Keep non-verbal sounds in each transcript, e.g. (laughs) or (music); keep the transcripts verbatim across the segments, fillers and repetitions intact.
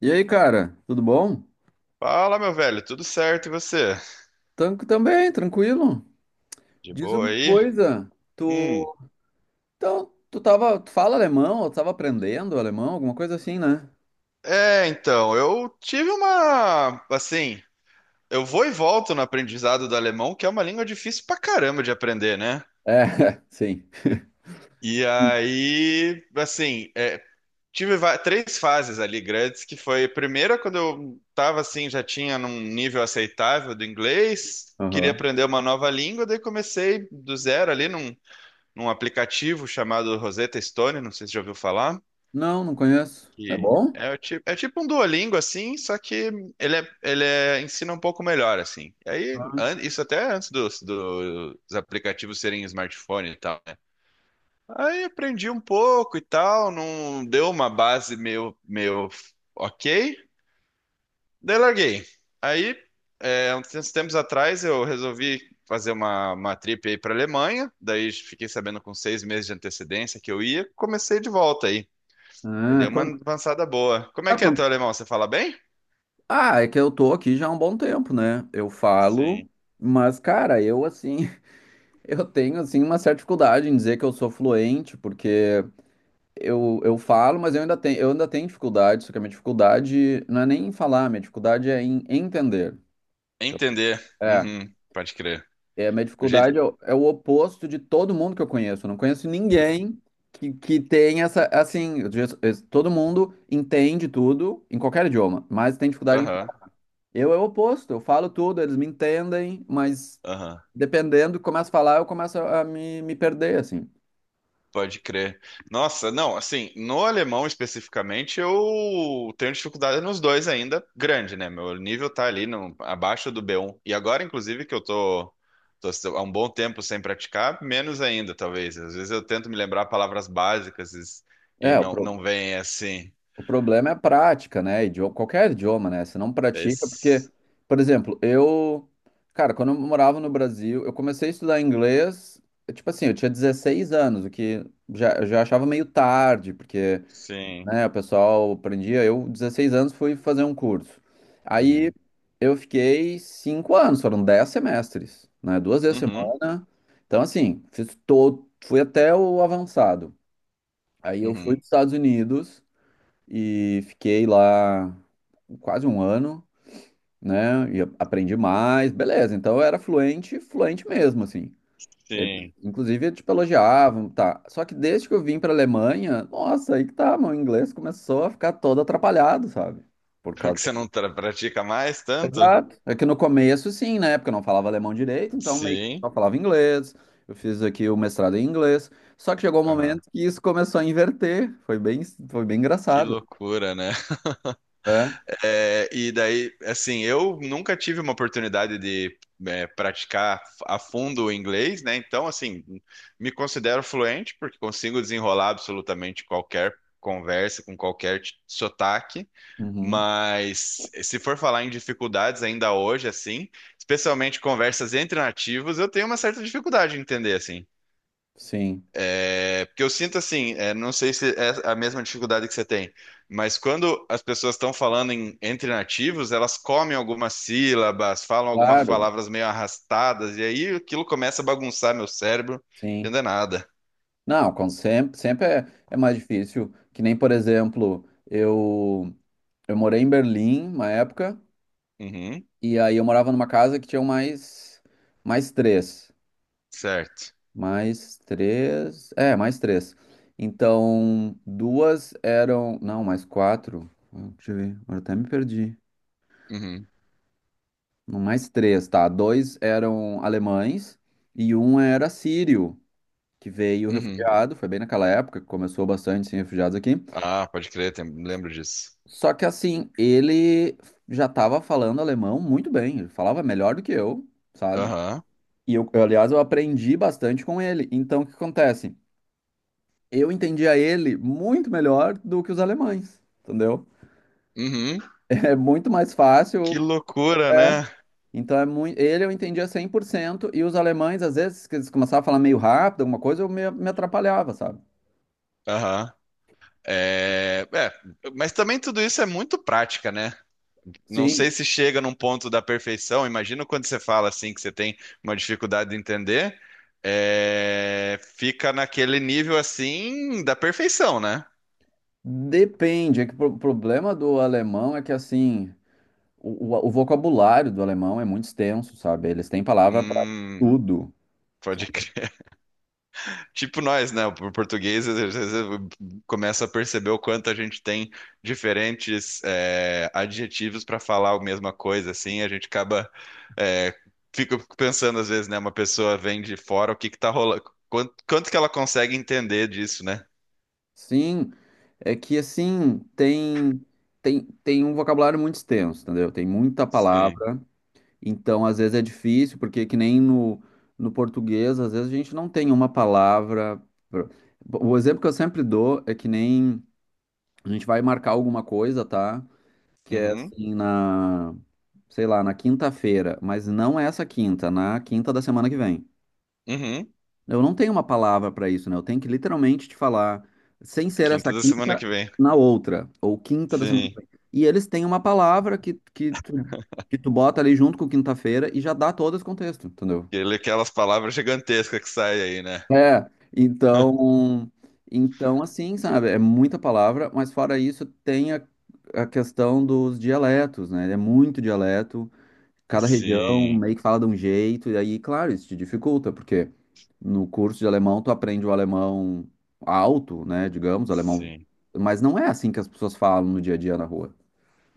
E aí, cara, tudo bom? Fala, meu velho, tudo certo e você? Tan- também, tranquilo. De Diz boa uma aí? coisa, Hum. tu... Então, tu tava... Tu fala alemão, ou tu tava aprendendo alemão, alguma coisa assim, né? É, então, eu tive uma, assim, eu vou e volto no aprendizado do alemão, que é uma língua difícil pra caramba de aprender, né? É, (laughs) sim. E aí, assim, é, tive va- três fases ali grandes, que foi a primeira quando eu tava assim, já tinha num nível aceitável do inglês, queria Aham. aprender uma nova língua, daí comecei do zero ali num, num aplicativo chamado Rosetta Stone, não sei se já ouviu falar. Não, não conheço. É Que bom? é, o tipo, é tipo um Duolingo, assim, só que ele, é, ele é- ensina um pouco melhor, assim. E aí, an- isso até antes dos, do- dos aplicativos serem smartphone e tal, né? Aí aprendi um pouco e tal, não deu uma base meio, meio ok, daí larguei. Aí, é, uns tempos atrás, eu resolvi fazer uma, uma trip aí para Alemanha, daí fiquei sabendo com seis meses de antecedência que eu ia, comecei de volta aí. Aí Ah, deu uma quan- avançada boa. Como é ah, que é quan- teu alemão? Você fala bem? ah, é que eu tô aqui já há um bom tempo, né? Eu falo, Sim. mas, cara, eu, assim, (laughs) eu tenho, assim, uma certa dificuldade em dizer que eu sou fluente, porque... Eu, eu falo, mas eu ainda tenho, eu ainda tenho dificuldade, só que a minha dificuldade não é nem em falar, a minha dificuldade é em entender. Então, Entender. é, Uhum, pode crer. é, a minha O jeito. dificuldade é, o é o oposto de todo mundo que eu conheço. Eu não conheço ninguém que, que tem essa, assim, eu digo, es- todo mundo entende tudo em qualquer idioma, mas tem dificuldade em falar. Aham, Eu é o oposto, eu falo tudo, eles me entendem, mas aham. dependendo, começo a falar, eu começo a a me, me perder, assim. Pode crer. Nossa, não, assim, no alemão especificamente, eu tenho dificuldade nos dois ainda, grande, né? Meu nível tá ali no, abaixo do B um. E agora, inclusive, que eu tô, tô há um bom tempo sem praticar, menos ainda, talvez. Às vezes eu tento me lembrar palavras básicas e e É, o não, pro- não vem assim. O problema é a prática, né? Idioma, qualquer idioma, né? Você não pratica, porque, Esse- por exemplo, eu, cara, quando eu morava no Brasil, eu comecei a estudar inglês, eh, tipo assim, eu tinha dezesseis anos, o que já, eu já achava meio tarde, porque, Sim. né, o pessoal aprendia. Eu, dezesseis anos, fui fazer um curso. Aí Uhum. eu fiquei cinco anos, foram dez semestres, né? Duas vezes a Uhum. semana. Então, assim, fiz todo, fui até o avançado. Aí eu fui para Uhum, os Estados Unidos e fiquei lá quase um ano, né? E a- aprendi mais, beleza. Então eu era fluente, fluente mesmo, assim. Eles, sim. inclusive, tipo, elogiavam, tá? Só que desde que eu vim pra Alemanha, nossa, aí que tá, meu inglês começou a ficar todo atrapalhado, sabe? Por Porque causa. você não tra- pratica mais tanto? Exato. É que no começo, sim, né? Porque eu não falava alemão direito, então meio que Sim. só falava inglês. Eu fiz aqui o mestrado em inglês. Só que chegou um Aham. momento que isso começou a inverter. Foi bem, foi bem Que engraçado. loucura, né? É. É, e daí, assim, eu nunca tive uma oportunidade de é, praticar a fundo o inglês, né? Então, assim, me considero fluente porque consigo desenrolar absolutamente qualquer conversa com qualquer t- sotaque. Uhum. Mas se for falar em dificuldades ainda hoje, assim, especialmente conversas entre nativos, eu tenho uma certa dificuldade de entender, assim. Sim. É, porque eu sinto assim, é, não sei se é a mesma dificuldade que você tem, mas quando as pessoas estão falando em- entre nativos, elas comem algumas sílabas, falam algumas Claro, palavras meio arrastadas, e aí aquilo começa a bagunçar meu cérebro, sim. entender nada. Não, com sempre, sempre é, é mais difícil. Que nem, por exemplo, eu, eu morei em Berlim uma época, Uhum, e aí eu morava numa casa que tinha mais, mais três. certo. Mais três. É, mais três. Então, duas eram. Não, mais quatro. Hum, Deixa eu ver, agora até me perdi. Uhum, Não, mais três, tá? Dois eram alemães e um era sírio, que veio uhum. refugiado. Foi bem naquela época que começou bastante sem refugiados aqui. Ah, pode crer, tem- lembro disso. Só que assim, ele já estava falando alemão muito bem, ele falava melhor do que eu, sabe? Aham, E eu, eu, aliás, eu aprendi bastante com ele. Então, o que acontece? Eu entendia ele muito melhor do que os alemães, entendeu? (laughs) uhum. É muito mais fácil. Que loucura, É. né? Então, é muito, ele eu entendia cem por cento e os alemães, às vezes, que eles começavam a falar meio rápido, alguma coisa, eu me, me atrapalhava, sabe? Aham. É, é, mas também tudo isso é muito prática, né? Não sei Sim, se chega num ponto da perfeição. Imagino quando você fala assim que você tem uma dificuldade de entender, é, fica naquele nível assim da perfeição, né? depende. É que o pro- problema do alemão é que, assim, O, o, o vocabulário do alemão é muito extenso, sabe? Eles têm palavra para Hum, tudo. Sabe? pode crer. (laughs) Tipo nós, né? O português às vezes às vezes, começa a perceber o quanto a gente tem diferentes é, adjetivos para falar a mesma coisa, assim. A gente acaba é, fica pensando às vezes, né? Uma pessoa vem de fora, o que que tá rolando? Quanto, quanto que ela consegue entender disso, né? Sim, é que assim, tem, tem, tem um vocabulário muito extenso, entendeu? Tem muita Sim. palavra, então às vezes é difícil, porque que nem no, no português, às vezes a gente não tem uma palavra. pra- O exemplo que eu sempre dou é que nem a gente vai marcar alguma coisa, tá? Que é Uhum, assim, na, sei lá, na quinta-feira, mas não é essa quinta, na quinta da semana que vem. uhum. Eu não tenho uma palavra para isso, né? Eu tenho que literalmente te falar, sem ser essa Quinta da semana que quinta, vem. na outra, ou quinta da semana que Sim. vem. E eles têm uma palavra que, que, tu, que tu bota ali junto com quinta-feira e já dá todo esse contexto, entendeu? Ele, aquelas palavras gigantescas que saem aí, né? É, (laughs) então, então assim, sabe? É muita palavra, mas fora isso, tem a, a questão dos dialetos, né? É muito dialeto cada região Sim, meio que fala de um jeito, e aí, claro, isso te dificulta, porque no curso de alemão tu aprende o alemão alto, né, digamos, o alemão, sim. mas não é assim que as pessoas falam no dia a dia na rua.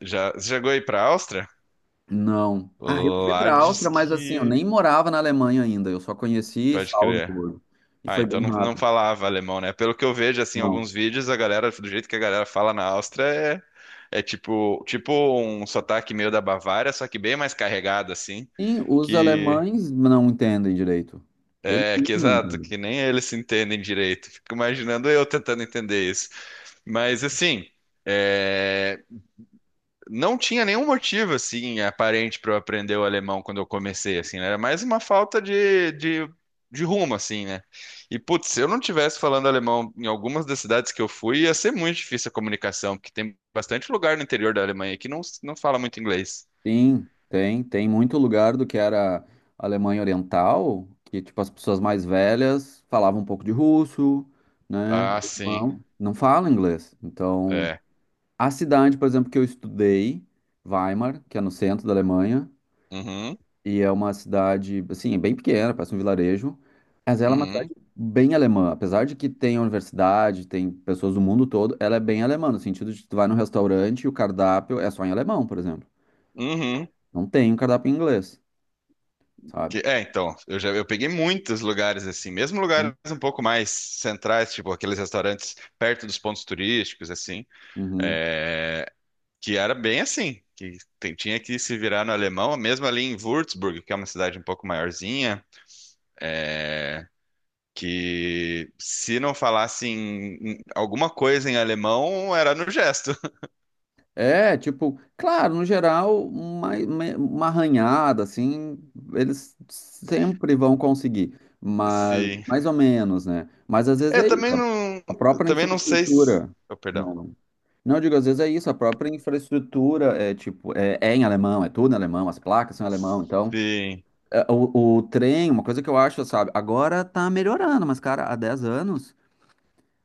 Já, você chegou aí pra Áustria? Não. Ah, eu fui Lá pra diz Áustria, mas assim, eu que. nem morava na Alemanha ainda, eu só conheci Pode crer. Salzburgo, e Ah, foi então bem não, não rápido. falava alemão, né? Pelo que eu vejo, assim, em Não. alguns vídeos, a galera, do jeito que a galera fala na Áustria, é, é tipo, tipo um sotaque meio da Bavária, só que bem mais carregado, assim, Sim, os que. alemães não entendem direito. Eles É, que não exato, entendem. que nem eles se entendem direito. Fico imaginando eu tentando entender. Mas assim, é, não tinha nenhum motivo assim aparente para eu aprender o alemão quando eu comecei, assim, né? Era mais uma falta de, de, de rumo, assim, né? E putz, se eu não tivesse falando alemão em algumas das cidades que eu fui, ia ser muito difícil a comunicação, porque tem bastante lugar no interior da Alemanha que não, não fala muito inglês. Sim, tem, tem muito lugar do que era Alemanha Oriental, que tipo as pessoas mais velhas falavam um pouco de russo, né? Ah, sim. Alemão, não falam inglês. Então, É. a cidade, por exemplo, que eu estudei, Weimar, que é no centro da Alemanha, Uhum, e é uma cidade, assim, é bem pequena, parece um vilarejo, mas ela é uma uhum, cidade bem alemã, apesar de que tem a universidade, tem pessoas do mundo todo, ela é bem alemã, no sentido de que tu vai num restaurante e o cardápio é só em alemão, por exemplo. uhum. Não tem um cardápio em inglês. Sabe? Que- É, então, eu já eu peguei muitos lugares assim, mesmo lugares Sim. um pouco mais centrais, tipo aqueles restaurantes perto dos pontos turísticos, assim, Uhum. é, que era bem assim, que tem- tinha que se virar no alemão, mesmo ali em Würzburg, que é uma cidade um pouco maiorzinha, é, que se não falasse em- em alguma coisa em alemão, era no gesto. (laughs) É, tipo, claro, no geral, uma, uma arranhada, assim, eles sempre vão conseguir, mas Sim. mais ou menos, né? Mas às vezes Eu é isso, também a não, a eu própria também não sei se... infraestrutura. Oh, perdão. Não, não. Não, eu digo, às vezes é isso, a própria infraestrutura é tipo, é, é em alemão, é tudo em alemão, as placas são em alemão, então, Sim. é, o, o trem, uma coisa que eu acho, sabe, agora tá melhorando, mas, cara, há dez anos.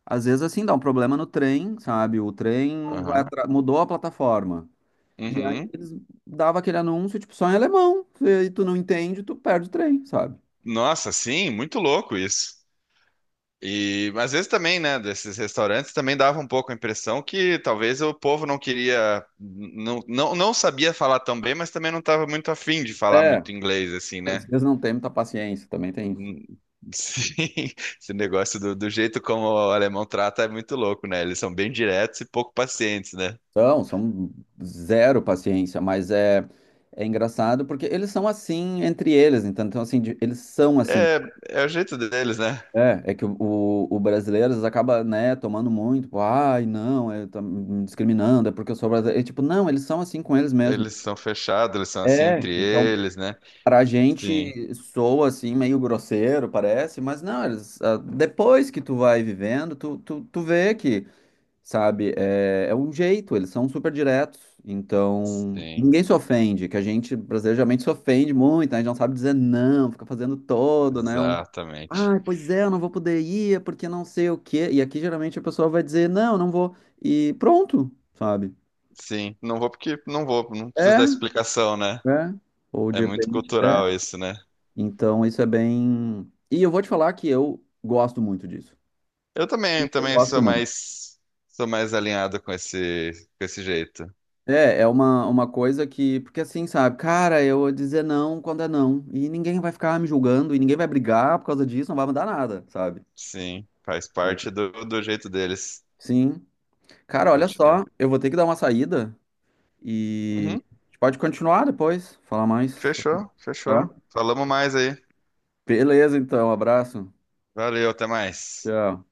Às vezes, assim, dá um problema no trem, sabe? O trem vai Aham. atra- mudou a plataforma. E aí Uhum. eles davam aquele anúncio, tipo, só em alemão. E tu não entende, tu perde o trem, sabe? Nossa, sim, muito louco isso. E às vezes também, né, desses restaurantes também dava um pouco a impressão que talvez o povo não queria, não, não, não sabia falar tão bem, mas também não estava muito afim de falar É, muito inglês, assim, às né? vezes não tem muita paciência, também tem isso. Hum. Sim, (laughs) esse negócio do, do jeito como o alemão trata é muito louco, né? Eles são bem diretos e pouco pacientes, né? São, são zero paciência, mas é, é engraçado porque eles são assim entre eles, então, então assim, de- eles são assim. É, é o jeito deles, né? É, é que o, o, o brasileiro às vezes acaba, né, tomando muito, tipo, ai, não, é, tá me discriminando, é porque eu sou brasileiro. E, tipo, não, eles são assim com eles mesmos. Eles são fechados, eles são assim É, entre então eles, né? pra Sim, gente soa assim meio grosseiro, parece, mas não, eles, ah, depois que tu vai vivendo, tu, tu, tu vê que, sabe, é, é um jeito, eles são super diretos, então sim, ninguém se ofende, que a gente brasileiro geralmente se ofende muito, né, a gente não sabe dizer não, fica fazendo todo, né, um, exatamente. ah, pois é, eu não vou poder ir é porque não sei o quê, e aqui geralmente a pessoa vai dizer não, não vou, e pronto, sabe, Sim, não vou porque não vou, não preciso é, dar explicação, né? é, ou de É muito repente. cultural isso, né? Então, isso é bem. E eu vou te falar que eu gosto muito disso. Eu também, Isso eu também gosto sou muito. mais sou mais alinhado com esse com esse jeito. É, é uma, uma coisa que. Porque assim, sabe, cara, eu vou dizer não quando é não. E ninguém vai ficar me julgando, e ninguém vai brigar por causa disso, não vai mudar nada, sabe? Sim, faz É. parte do, do jeito deles. Sim. Cara, olha Pode crer. só, eu vou ter que dar uma saída e Uhum, a gente pode continuar depois, falar mais, fechou, tá? fechou. Falamos mais aí. Beleza, então, um abraço. Valeu, até mais. Tchau.